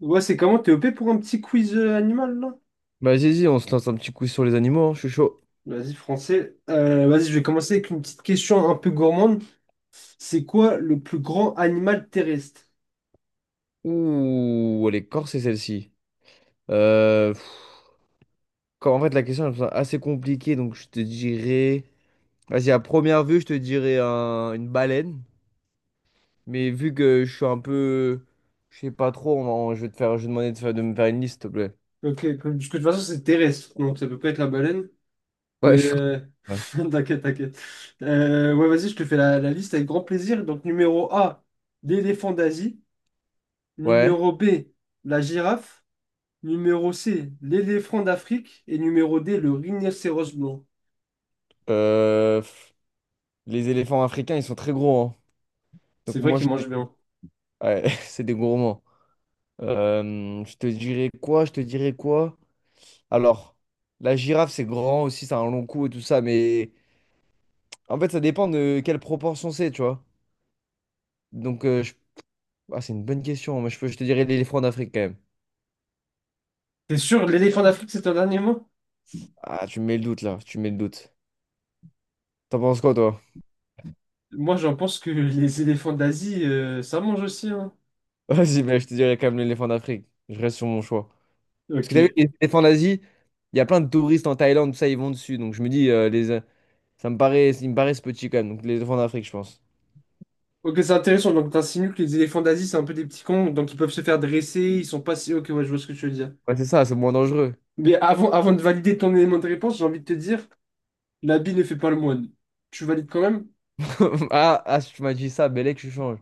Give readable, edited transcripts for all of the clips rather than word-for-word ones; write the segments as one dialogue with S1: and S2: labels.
S1: Ouais, c'est comment? T'es OP pour un petit quiz animal, là?
S2: Bah, vas-y, vas-y, on se lance un petit coup sur les animaux, hein, Je suis chaud.
S1: Vas-y, français. Vas-y, je vais commencer avec une petite question un peu gourmande. C'est quoi le plus grand animal terrestre?
S2: Ouh, elle est corsée celle-ci. Euh, pff, en fait, la question elle me semble assez compliquée, donc je te dirais. Vas-y, à première vue, je te dirais une baleine. Mais vu que je suis un peu. Je sais pas trop, je vais te je vais demander de, de me faire une liste, s'il te plaît.
S1: Ok, parce que de toute façon, c'est terrestre, donc ça peut pas être la baleine. Mais
S2: Ouais. Ouais.
S1: t'inquiète, t'inquiète. Ouais, vas-y, je te fais la liste avec grand plaisir. Donc, numéro A, l'éléphant d'Asie.
S2: Ouais.
S1: Numéro B, la girafe. Numéro C, l'éléphant d'Afrique. Et numéro D, le rhinocéros blanc.
S2: Euh, pff, les éléphants africains, ils sont très gros, hein. Donc
S1: C'est vrai
S2: moi,
S1: qu'il
S2: je te...
S1: mange bien.
S2: Ouais, c'est des gourmands. Je te dirais quoi? Je te dirais quoi? Alors, la girafe, c'est grand aussi, ça a un long cou et tout ça, mais en fait, ça dépend de quelle proportion c'est, tu vois. Donc, euh, je- ah, c'est une bonne question. Moi, je te dirais l'éléphant d'Afrique quand même.
S1: T'es sûr, l'éléphant d'Afrique, c'est un animal?
S2: Ah, tu me mets le doute là, tu me mets le doute. T'en penses quoi, toi?
S1: Moi, j'en pense que les éléphants d'Asie, ça mange aussi, hein.
S2: Vas-y, mais je te dirais quand même l'éléphant d'Afrique. Je reste sur mon choix. Parce que
S1: Ok.
S2: t'as vu, les éléphants d'Asie, il y a plein de touristes en Thaïlande, tout ça, ils vont dessus. Donc, je me dis, ça me paraît, ils me paraissent petits quand même. Donc, les éléphants d'Afrique, je pense.
S1: Ok, c'est intéressant. Donc, t'insinues que les éléphants d'Asie, c'est un peu des petits cons, donc ils peuvent se faire dresser, ils sont pas si... Ok, ouais, je vois ce que tu veux dire.
S2: Ouais, c'est ça, c'est moins dangereux.
S1: Mais avant de valider ton élément de réponse, j'ai envie de te dire, l'habit ne fait pas le moine. Tu valides quand même?
S2: Ah, ah, si tu m'as dit ça, Bellec, je change.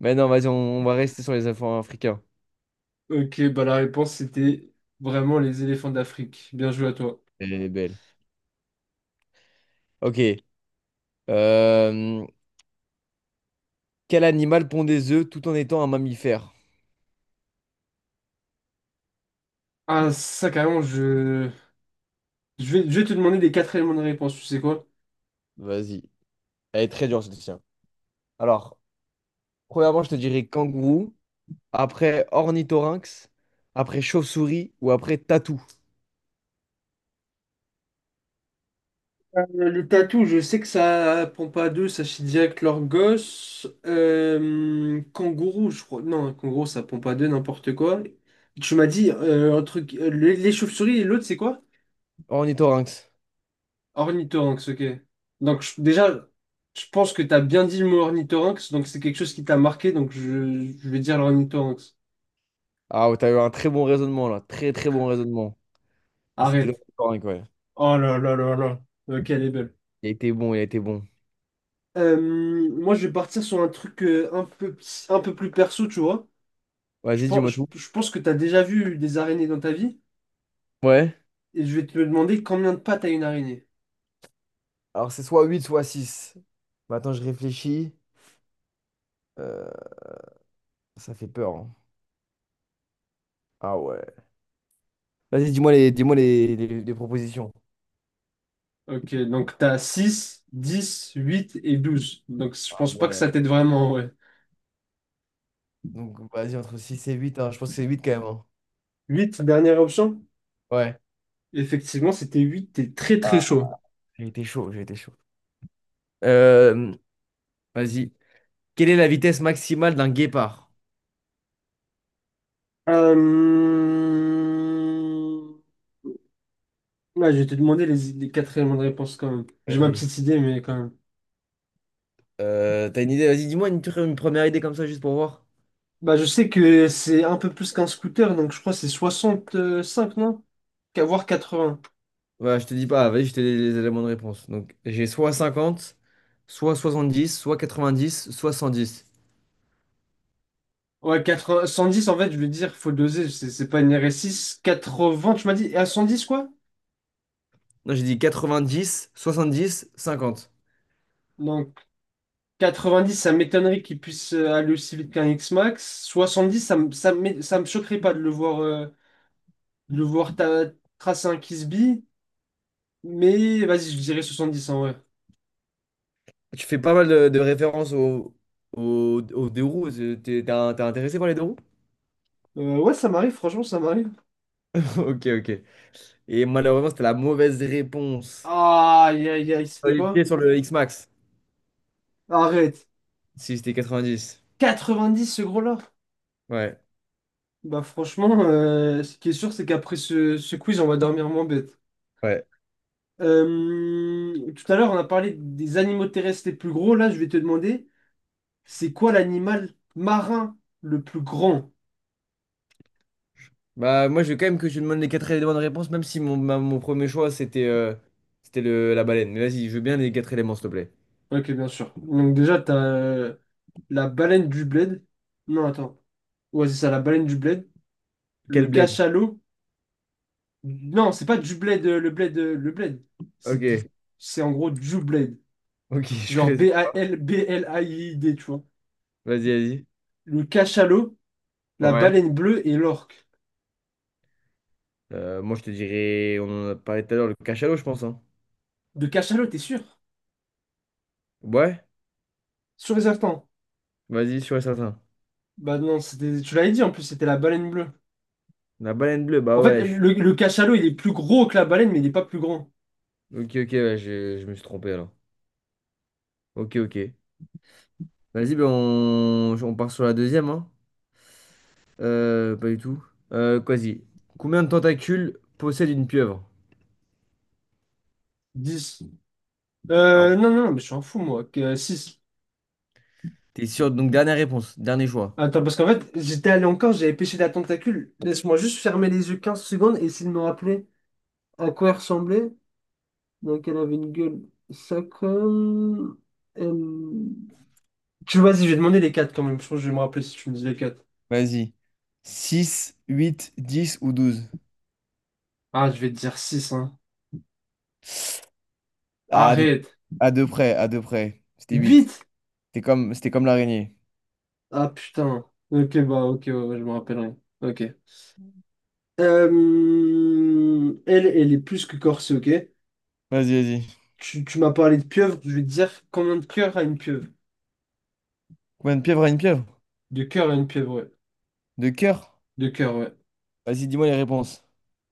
S2: Mais non, vas-y, on va rester sur les éléphants africains.
S1: Ok, bah la réponse c'était vraiment les éléphants d'Afrique. Bien joué à toi.
S2: Elle est belle. Ok. Euh, quel animal pond des œufs tout en étant un mammifère?
S1: Ah, ça carrément, je... Je vais te demander les quatre éléments de réponse, tu sais quoi?
S2: Vas-y. Elle est très dure, celle-ci, hein. Alors, premièrement, je te dirais kangourou, après ornithorynx, après chauve-souris ou après tatou.
S1: Les tatous, je sais que ça prend pas deux, ça chie direct leur gosse. Kangourou, je crois. Non, kangourou, ça prend pas deux, n'importe quoi. Tu m'as dit un truc, les chauves-souris et l'autre, c'est quoi?
S2: Ornithorynx.
S1: Ornithorynx, ok. Déjà, je pense que tu as bien dit le mot ornithorynx, donc c'est quelque chose qui t'a marqué, donc je vais dire l'ornithorynx.
S2: Ah, ouais, t'as eu un très bon raisonnement là. Très, très bon raisonnement. Et c'était
S1: Arrête.
S2: l'ornithorynx, ouais.
S1: Oh là là là là. Ok, elle est belle.
S2: Il a été bon, il a été bon.
S1: Moi, je vais partir sur un truc un peu plus perso, tu vois. Je
S2: Vas-y,
S1: pense,
S2: dis-moi
S1: je,
S2: tout.
S1: je pense que tu as déjà vu des araignées dans ta vie,
S2: Ouais.
S1: et je vais te demander combien de pattes a une araignée.
S2: Alors, c'est soit 8, soit 6. Maintenant, je réfléchis. Euh, ça fait peur, hein. Ah ouais. Vas-y, dis-moi les propositions.
S1: Ok, donc t'as 6, 10, 8 et douze. Donc je
S2: Ah
S1: pense pas que
S2: ouais.
S1: ça t'aide vraiment, ouais.
S2: Donc, vas-y, entre 6 et huit, hein. Je pense que c'est 8 quand même, hein.
S1: 8, dernière option?
S2: Ouais.
S1: Effectivement, c'était huit, t'es très très
S2: Ah,
S1: chaud.
S2: j'ai été chaud, j'ai été chaud. Euh, vas-y. Quelle est la vitesse maximale d'un guépard?
S1: Euh... ouais, je vais te demander les quatre éléments de réponse quand même. J'ai ma
S2: Vas-y.
S1: petite idée, mais quand même.
S2: T'as une idée? Vas-y, dis-moi une première idée comme ça, juste pour voir.
S1: Bah, je sais que c'est un peu plus qu'un scooter, donc je crois que c'est cinq, non? Qu'à voir 80.
S2: Bah, je te dis pas, vas-y, je te donne les éléments de réponse. Donc, j'ai soit 50 soit 70 soit 90 soit 110.
S1: Ouais, 80, 110 en fait, je veux dire, faut doser, c'est pas une R S six quatre-vingts tu m'as dit, et à 110 quoi?
S2: Non, j'ai dit 90 70 50.
S1: Donc, 90, ça m'étonnerait qu'il puisse aller aussi vite qu'un X-Max. 70, ça me choquerait pas de le voir, de le voir ta- tracer un Kisby. Mais vas-y, je dirais 70 en vrai.
S2: Tu fais pas mal de références aux deux roues. T'es intéressé par les deux roues?
S1: Ouais, ça m'arrive, franchement, ça m'arrive.
S2: Ok, ok. Et malheureusement, c'était la mauvaise réponse.
S1: Ah, aïe, aïe, aïe, c'était
S2: J'aurais été
S1: quoi?
S2: sur le X-Max,
S1: Arrête.
S2: si c'était 90.
S1: 90, ce gros-là?
S2: Ouais,
S1: Bah franchement, ce qui est sûr, c'est qu'après ce quiz, on va dormir moins bête.
S2: ouais.
S1: Tout à l'heure, on a parlé des animaux terrestres les plus gros. Là, je vais te demander, c'est quoi l'animal marin le plus grand?
S2: Bah, moi, je veux quand même que tu me donnes les quatre éléments de réponse, même si mon premier choix, c'était la baleine. Mais vas-y, je veux bien les quatre éléments, s'il te plaît.
S1: Ok, bien sûr. Donc déjà, t'as la baleine du bled. Non, attends. Ouais, c'est ça, la baleine du bled.
S2: Quel
S1: Le
S2: bled?
S1: cachalot. Non, c'est pas du bled, le bled, le bled. C'est
S2: Ok,
S1: dit. C'est en gros du bled.
S2: ok, je
S1: Genre
S2: connaissais pas.
S1: BALBLAID, tu vois.
S2: Vas-y, vas-y.
S1: Le cachalot, la
S2: Ouais.
S1: baleine bleue et l'orque.
S2: Moi, je te dirais, on en a parlé tout à l'heure, le cachalot, je pense, hein.
S1: De cachalot, t'es sûr?
S2: Ouais,
S1: Sûr et certain.
S2: vas-y, sur et certain.
S1: Bah non, c'était, tu l'avais dit en plus, c'était la baleine bleue.
S2: La baleine bleue,
S1: En
S2: bah
S1: fait,
S2: ouais, je suis...
S1: le cachalot, il est plus gros que la baleine, mais il n'est pas plus grand.
S2: Ok, ok, ouais, je me suis trompé alors. Ok, ok. Vas-y, ben on part sur la deuxième, hein. Pas du tout. Quasi. Combien de tentacules possède une pieuvre?
S1: Dix.
S2: Alors,
S1: Non, non, non, mais je suis un fou, moi. Que 6.
S2: t'es sûr? Donc, dernière réponse, dernier choix.
S1: Attends, parce qu'en fait, j'étais allé encore, j'avais pêché la tentacule. Laisse-moi juste fermer les yeux 15 secondes et essayer de me rappeler à quoi elle ressemblait. Donc, elle avait une gueule. Ça comme. elle- Tu vois, vas-y, je vais demander les 4 quand même. Je pense que je vais me rappeler si tu me dis les quatre.
S2: Vas-y. Six, huit, 10 ou 12.
S1: Ah, je vais te dire 6.
S2: Ah, t'es-
S1: Arrête.
S2: à deux près, à deux près. C'était huit.
S1: Vite!
S2: C'était comme l'araignée.
S1: Ah putain. Ok, bah ok, ouais, ouais, je me rappellerai. Ok. Elle est plus que corsée, ok?
S2: Vas-y, vas-y.
S1: Tu m'as parlé de pieuvre, je vais te dire, combien de cœurs a une pieuvre?
S2: Combien de pieuvres a une pieuvre?
S1: De cœur à une pieuvre, ouais.
S2: De cœur?
S1: De cœur, ouais.
S2: Vas-y, dis-moi les réponses.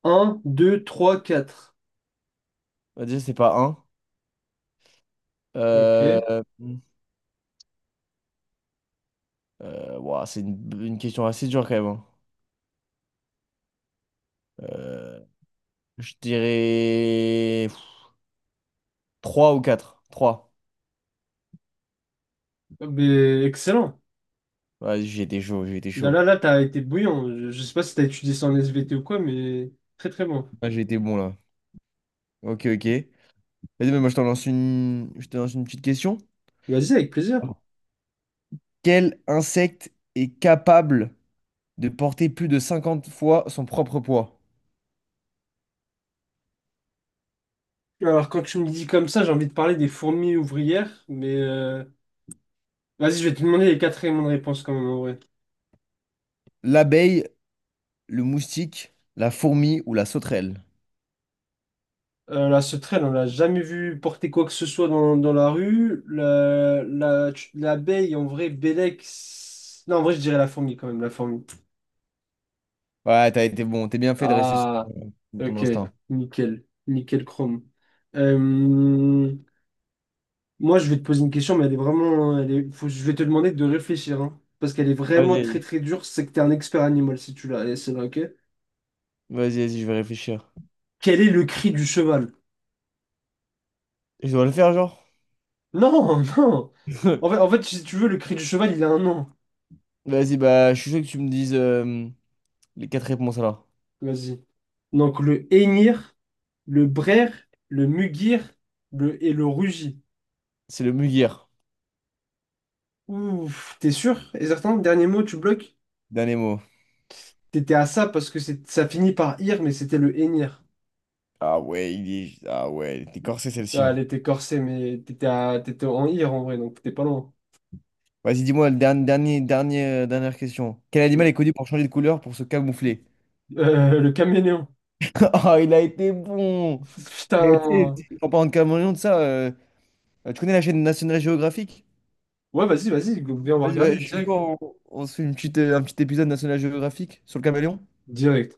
S1: Un, deux, trois, quatre.
S2: Bah, déjà, c'est pas un.
S1: Ok.
S2: Euh... ouah, c'est une question assez dure quand même, hein. Euh, Je dirais 3 ou quatre, trois.
S1: Ah, mais excellent.
S2: Vas-y, j'ai été chaud, j'ai été
S1: Là,
S2: chaud.
S1: là, là, t'as été bouillant. Je sais pas si t'as étudié ça en SVT ou quoi, mais très très bon.
S2: Ah, j'ai été bon là. Ok, ok. Vas-y, mais moi je te lance une petite question.
S1: Vas-y, avec plaisir.
S2: Quel insecte est capable de porter plus de 50 fois son propre poids?
S1: Alors, quand tu me dis comme ça, j'ai envie de parler des fourmis ouvrières, mais vas-y, je vais te demander les quatre éléments de réponse quand même en vrai.
S2: L'abeille, le moustique, la fourmi ou la sauterelle?
S1: La sauterelle, on l'a jamais vu porter quoi que ce soit dans, dans la rue. L'abeille, en vrai, Bélec. Non, en vrai, je dirais la fourmi quand même, la fourmi.
S2: Ouais, t'as été bon. T'es bien fait de rester sur
S1: Ah,
S2: ton
S1: ok,
S2: instinct.
S1: nickel, nickel chrome. Euh, moi, je vais te poser une question, mais elle est vraiment. Elle est, je vais te demander de réfléchir, hein, parce qu'elle est vraiment
S2: Vas-y,
S1: très
S2: vas-y.
S1: très dure. C'est que t'es un expert animal si tu l'as, c'est là, ok?
S2: Vas-y, vas-y, je vais réfléchir.
S1: Quel est le cri du cheval?
S2: Je dois le faire, genre?
S1: Non, non. En fait, si tu veux, le cri du cheval, il a un nom.
S2: Vas-y, bah, je suis sûr que tu me dises les quatre réponses alors.
S1: Vas-y. Donc le hennir, le braire, le mugir, le et le rugit.
S2: C'est le Mugir.
S1: Ouf, t'es sûr? Et certain, dernier mot, tu bloques?
S2: Dernier mot.
S1: T'étais à ça parce que ça finit par ir, mais c'était le hennir.
S2: Ah ouais, Ah ouais, t'es est corsé, c'est le
S1: Ah,
S2: sien.
S1: elle était corsée, mais t'étais en ir en vrai, donc t'étais pas loin.
S2: Vas-y, dis-moi, le dernier, dernier, dernier, dernière question. Quel animal
S1: Euh,
S2: est connu pour changer de couleur pour se camoufler?
S1: le caméléon.
S2: Ah, il a été bon! Il a été...
S1: Putain.
S2: En parlant de caméléon, de ça, tu connais la chaîne National Geographic?
S1: Ouais, vas-y, vas-y, viens, on va
S2: Vas-y, bah,
S1: regarder
S2: je suis
S1: direct.
S2: chaud, on se fait un petit épisode National Geographic sur le caméléon.
S1: Direct.